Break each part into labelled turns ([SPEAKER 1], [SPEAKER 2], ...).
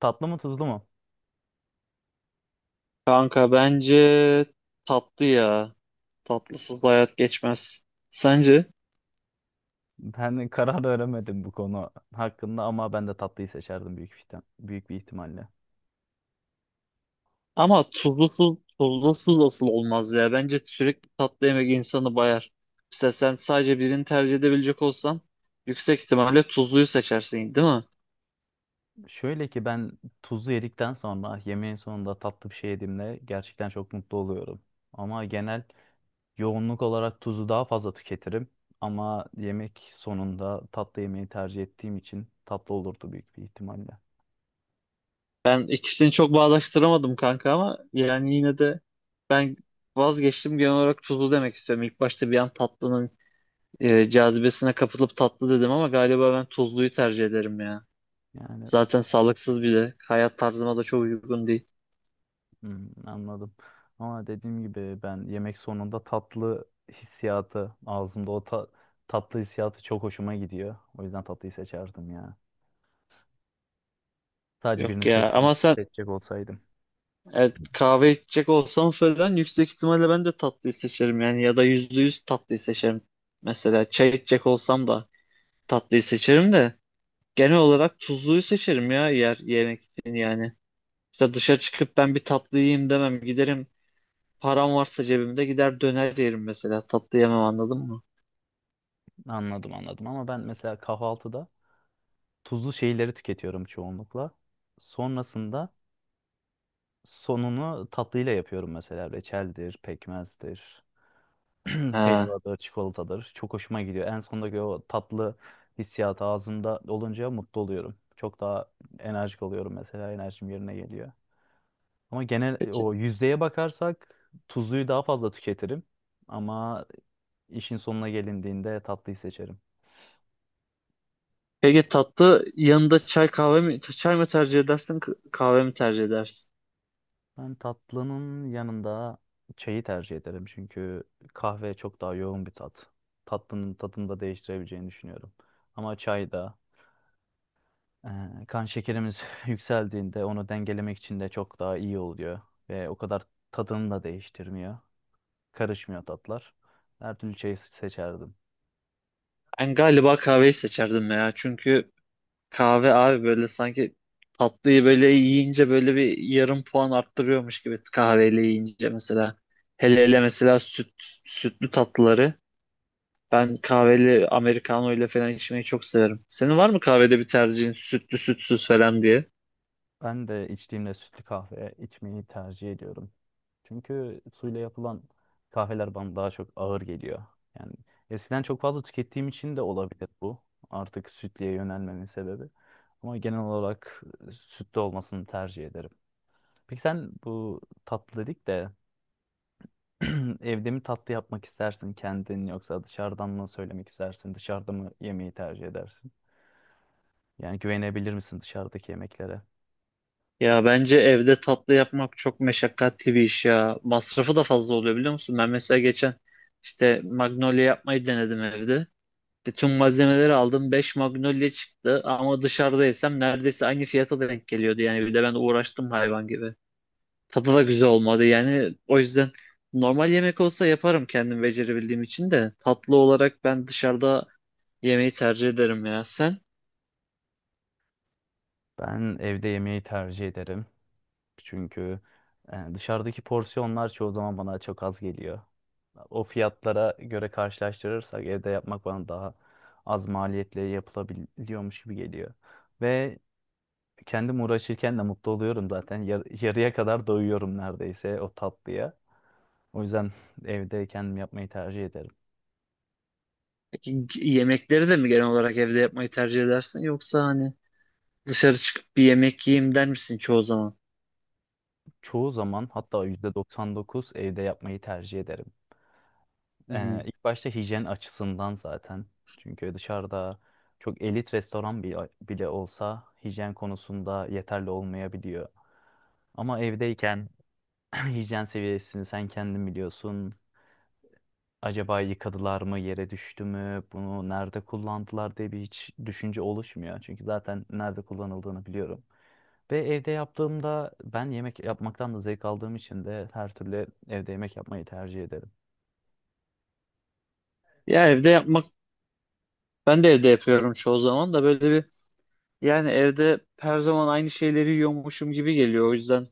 [SPEAKER 1] Tatlı mı tuzlu mu?
[SPEAKER 2] Kanka bence tatlı ya. Tatlısız hayat geçmez. Sence?
[SPEAKER 1] Ben karar veremedim bu konu hakkında ama ben de tatlıyı seçerdim büyük bir ihtimalle.
[SPEAKER 2] Ama tuzlusuz asıl olmaz ya. Bence sürekli tatlı yemek insanı bayar. Mesela sen sadece birini tercih edebilecek olsan yüksek ihtimalle tuzluyu seçersin, değil mi?
[SPEAKER 1] Şöyle ki ben tuzlu yedikten sonra yemeğin sonunda tatlı bir şey yediğimde gerçekten çok mutlu oluyorum. Ama genel yoğunluk olarak tuzu daha fazla tüketirim. Ama yemek sonunda tatlı yemeği tercih ettiğim için tatlı olurdu büyük bir ihtimalle.
[SPEAKER 2] Ben ikisini çok bağdaştıramadım kanka ama yani yine de ben vazgeçtim, genel olarak tuzlu demek istiyorum. İlk başta bir an tatlının cazibesine kapılıp tatlı dedim ama galiba ben tuzluyu tercih ederim ya.
[SPEAKER 1] Yani
[SPEAKER 2] Zaten sağlıksız bile. Hayat tarzıma da çok uygun değil.
[SPEAKER 1] hmm, anladım. Ama dediğim gibi ben yemek sonunda tatlı hissiyatı ağzımda tatlı hissiyatı çok hoşuma gidiyor. O yüzden tatlıyı seçerdim ya. Sadece birini
[SPEAKER 2] Yok ya, ama sen,
[SPEAKER 1] seçecek olsaydım.
[SPEAKER 2] evet, kahve içecek olsam falan yüksek ihtimalle ben de tatlıyı seçerim, yani ya da yüzde yüz tatlıyı seçerim. Mesela çay içecek olsam da tatlıyı seçerim de genel olarak tuzluyu seçerim ya, yer yemek için yani. İşte dışarı çıkıp ben bir tatlı yiyeyim demem, giderim, param varsa cebimde gider döner yerim mesela, tatlı yemem, anladın mı?
[SPEAKER 1] Anladım anladım, ama ben mesela kahvaltıda tuzlu şeyleri tüketiyorum çoğunlukla. Sonrasında sonunu tatlıyla yapıyorum, mesela reçeldir, pekmezdir,
[SPEAKER 2] Ha.
[SPEAKER 1] helvadır, çikolatadır. Çok hoşuma gidiyor. En sondaki o tatlı hissiyat ağzımda olunca mutlu oluyorum. Çok daha enerjik oluyorum mesela. Enerjim yerine geliyor. Ama genel
[SPEAKER 2] Peki.
[SPEAKER 1] o yüzdeye bakarsak tuzluyu daha fazla tüketirim. Ama işin sonuna gelindiğinde tatlıyı seçerim.
[SPEAKER 2] Peki tatlı yanında çay kahve mi, çay mı tercih edersin, kahve mi tercih edersin?
[SPEAKER 1] Ben tatlının yanında çayı tercih ederim. Çünkü kahve çok daha yoğun bir tat. Tatlının tadını da değiştirebileceğini düşünüyorum. Ama çay da kan şekerimiz yükseldiğinde onu dengelemek için de çok daha iyi oluyor. Ve o kadar tadını da değiştirmiyor. Karışmıyor tatlar. Her türlü çayı seçerdim.
[SPEAKER 2] Ben galiba kahveyi seçerdim ya. Çünkü kahve abi böyle sanki tatlıyı böyle yiyince böyle bir yarım puan arttırıyormuş gibi, kahveyle yiyince mesela. Hele hele mesela sütlü tatlıları. Ben kahveli americano ile falan içmeyi çok severim. Senin var mı kahvede bir tercihin, sütlü sütsüz falan diye?
[SPEAKER 1] Ben de içtiğimde sütlü kahve içmeyi tercih ediyorum. Çünkü suyla yapılan kahveler bana daha çok ağır geliyor. Yani eskiden çok fazla tükettiğim için de olabilir bu. Artık sütlüye yönelmemin sebebi. Ama genel olarak sütlü olmasını tercih ederim. Peki sen, bu tatlı dedik de, evde mi tatlı yapmak istersin kendin, yoksa dışarıdan mı söylemek istersin? Dışarıda mı yemeği tercih edersin? Yani güvenebilir misin dışarıdaki yemeklere?
[SPEAKER 2] Ya bence evde tatlı yapmak çok meşakkatli bir iş ya. Masrafı da fazla oluyor, biliyor musun? Ben mesela geçen işte magnolia yapmayı denedim evde. Bütün malzemeleri aldım. Beş magnolia çıktı ama dışarıda yesem neredeyse aynı fiyata denk geliyordu. Yani bir de ben uğraştım hayvan gibi. Tadı da güzel olmadı yani. O yüzden normal yemek olsa yaparım kendim, becerebildiğim için de. Tatlı olarak ben dışarıda yemeği tercih ederim ya. Sen?
[SPEAKER 1] Ben evde yemeği tercih ederim. Çünkü dışarıdaki porsiyonlar çoğu zaman bana çok az geliyor. O fiyatlara göre karşılaştırırsak evde yapmak bana daha az maliyetle yapılabiliyormuş gibi geliyor. Ve kendim uğraşırken de mutlu oluyorum zaten. Yarıya kadar doyuyorum neredeyse o tatlıya. O yüzden evde kendim yapmayı tercih ederim.
[SPEAKER 2] Peki yemekleri de mi genel olarak evde yapmayı tercih edersin, yoksa hani dışarı çıkıp bir yemek yiyeyim der misin çoğu zaman?
[SPEAKER 1] Çoğu zaman, hatta %99, evde yapmayı tercih ederim.
[SPEAKER 2] Hı.
[SPEAKER 1] İlk başta hijyen açısından zaten. Çünkü dışarıda çok elit restoran bile olsa hijyen konusunda yeterli olmayabiliyor. Ama evdeyken hijyen seviyesini sen kendin biliyorsun. Acaba yıkadılar mı, yere düştü mü, bunu nerede kullandılar diye bir hiç düşünce oluşmuyor. Çünkü zaten nerede kullanıldığını biliyorum. Ve evde yaptığımda ben yemek yapmaktan da zevk aldığım için de her türlü evde yemek yapmayı tercih ederim.
[SPEAKER 2] Ya evde yapmak, ben de evde yapıyorum çoğu zaman da böyle bir, yani evde her zaman aynı şeyleri yiyormuşum gibi geliyor. O yüzden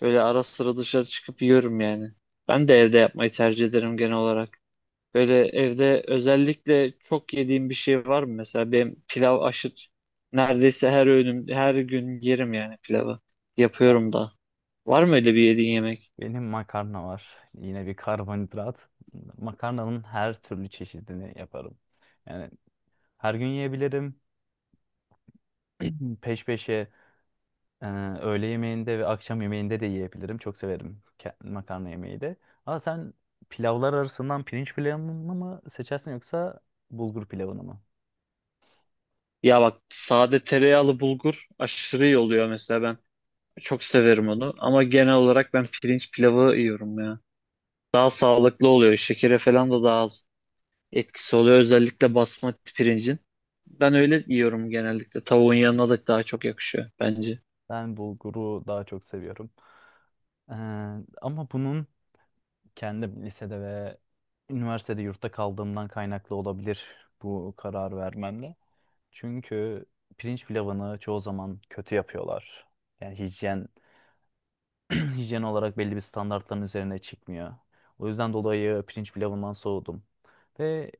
[SPEAKER 2] böyle ara sıra dışarı çıkıp yiyorum yani. Ben de evde yapmayı tercih ederim genel olarak. Böyle evde özellikle çok yediğim bir şey var mı? Mesela benim pilav aşırı, neredeyse her öğünüm her gün yerim yani pilavı. Yapıyorum da. Var mı öyle bir yediğin yemek?
[SPEAKER 1] Benim makarna var. Yine bir karbonhidrat. Makarnanın her türlü çeşidini yaparım. Yani her gün yiyebilirim. Peş peşe e, öğle yemeğinde ve akşam yemeğinde de yiyebilirim. Çok severim makarna yemeği de. Ama sen pilavlar arasından pirinç pilavını mı seçersin, yoksa bulgur pilavını mı?
[SPEAKER 2] Ya bak, sade tereyağlı bulgur aşırı iyi oluyor mesela. Ben çok severim onu ama genel olarak ben pirinç pilavı yiyorum ya. Daha sağlıklı oluyor. Şekere falan da daha az etkisi oluyor, özellikle basmati pirincin. Ben öyle yiyorum genellikle. Tavuğun yanına da daha çok yakışıyor bence.
[SPEAKER 1] Ben bulguru daha çok seviyorum. Ee, Ama bunun kendi lisede ve üniversitede yurtta kaldığımdan kaynaklı olabilir bu karar vermemle. Çünkü pirinç pilavını çoğu zaman kötü yapıyorlar. Yani hijyen olarak belli bir standartların üzerine çıkmıyor. O yüzden dolayı pirinç pilavından soğudum. Ve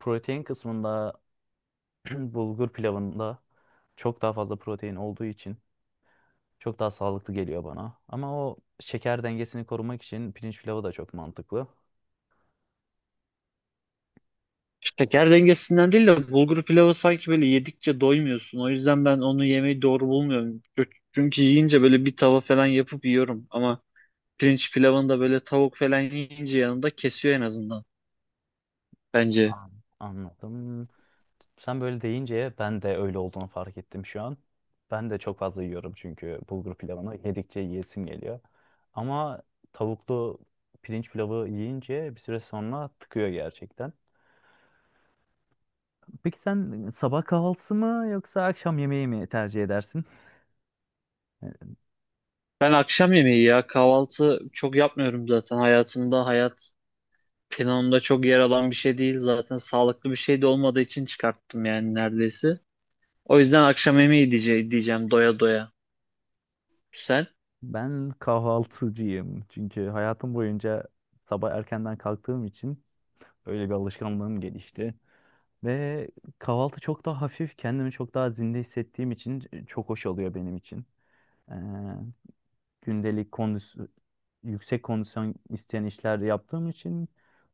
[SPEAKER 1] protein kısmında bulgur pilavında çok daha fazla protein olduğu için çok daha sağlıklı geliyor bana. Ama o şeker dengesini korumak için pirinç pilavı da çok mantıklı.
[SPEAKER 2] Şeker dengesinden değil de, bulgur pilavı sanki böyle yedikçe doymuyorsun. O yüzden ben onu yemeyi doğru bulmuyorum. Çünkü yiyince böyle bir tava falan yapıp yiyorum. Ama pirinç pilavını da böyle tavuk falan yiyince yanında kesiyor en azından, bence.
[SPEAKER 1] An- Anladım. Sen böyle deyince ben de öyle olduğunu fark ettim şu an. Ben de çok fazla yiyorum, çünkü bulgur pilavını yedikçe yiyesim geliyor. Ama tavuklu pirinç pilavı yiyince bir süre sonra tıkıyor gerçekten. Peki sen sabah kahvaltısı mı yoksa akşam yemeği mi tercih edersin?
[SPEAKER 2] Ben akşam yemeği ya, kahvaltı çok yapmıyorum zaten hayat planımda çok yer alan bir şey değil zaten, sağlıklı bir şey de olmadığı için çıkarttım yani neredeyse. O yüzden akşam yemeği diyeceğim doya doya. Sen?
[SPEAKER 1] Ben kahvaltıcıyım. Çünkü hayatım boyunca sabah erkenden kalktığım için öyle bir alışkanlığım gelişti. Ve kahvaltı çok daha hafif, kendimi çok daha zinde hissettiğim için çok hoş oluyor benim için. Ee, Gündelik kondisyon, yüksek kondisyon isteyen işler yaptığım için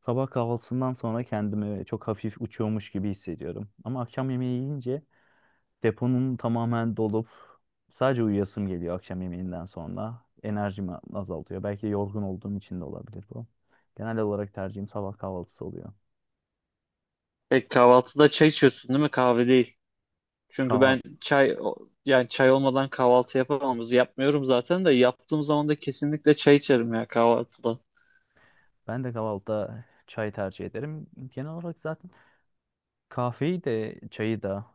[SPEAKER 1] sabah kahvaltısından sonra kendimi çok hafif uçuyormuş gibi hissediyorum. Ama akşam yemeği yiyince deponun tamamen dolup sadece uyuyasım geliyor akşam yemeğinden sonra. Enerjimi azaltıyor. Belki yorgun olduğum için de olabilir bu. Genel olarak tercihim sabah kahvaltısı oluyor.
[SPEAKER 2] Pek kahvaltıda çay içiyorsun değil mi, kahve değil. Çünkü
[SPEAKER 1] Kahval
[SPEAKER 2] ben çay yani çay olmadan kahvaltı yapmıyorum zaten, de yaptığım zaman da kesinlikle çay içerim ya kahvaltıda.
[SPEAKER 1] Ben de kahvaltıda çay tercih ederim. Genel olarak zaten kahveyi de çayı da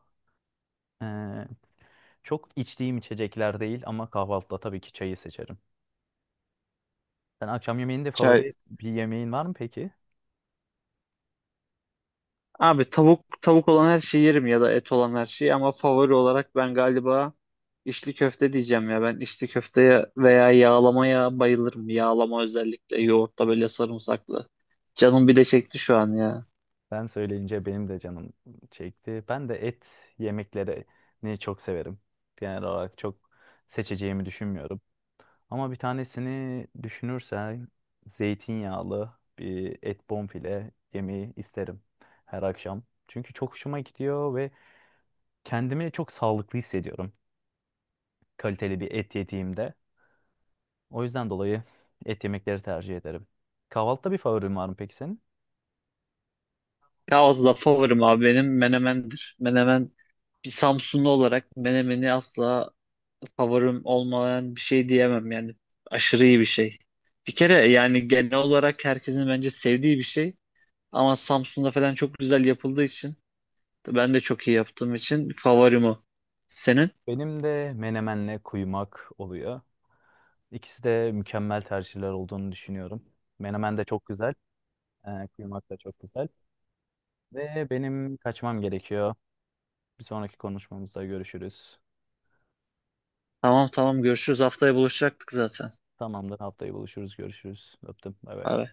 [SPEAKER 1] eee, çok içtiğim içecekler değil, ama kahvaltıda tabii ki çayı seçerim. Sen akşam yemeğinde
[SPEAKER 2] Çay.
[SPEAKER 1] favori bir yemeğin var mı peki?
[SPEAKER 2] Abi tavuk olan her şeyi yerim ya da et olan her şeyi, ama favori olarak ben galiba içli köfte diyeceğim ya. Ben içli köfteye veya yağlamaya bayılırım. Yağlama özellikle yoğurtla böyle sarımsaklı. Canım bir de çekti şu an ya.
[SPEAKER 1] Sen söyleyince benim de canım çekti. Ben de et yemeklerini çok severim. Genel olarak çok seçeceğimi düşünmüyorum. Ama bir tanesini düşünürsen zeytinyağlı bir et bonfile yemeği isterim her akşam. Çünkü çok hoşuma gidiyor ve kendimi çok sağlıklı hissediyorum kaliteli bir et yediğimde. O yüzden dolayı et yemekleri tercih ederim. Kahvaltıda bir favorin var mı peki senin?
[SPEAKER 2] Ya az da favorim abi benim, menemendir. Menemen, bir Samsunlu olarak menemeni asla favorim olmayan bir şey diyemem yani. Aşırı iyi bir şey. Bir kere yani genel olarak herkesin bence sevdiği bir şey. Ama Samsun'da falan çok güzel yapıldığı için, ben de çok iyi yaptığım için favorim o. Senin?
[SPEAKER 1] Benim de menemenle kuymak oluyor. İkisi de mükemmel tercihler olduğunu düşünüyorum. Menemen de çok güzel, kuymak da çok güzel. Ve benim kaçmam gerekiyor. Bir sonraki konuşmamızda görüşürüz.
[SPEAKER 2] Tamam tamam, görüşürüz. Haftaya buluşacaktık zaten.
[SPEAKER 1] Tamamdır. Haftaya buluşuruz. Görüşürüz. Öptüm. Bay bay.
[SPEAKER 2] Bay bay.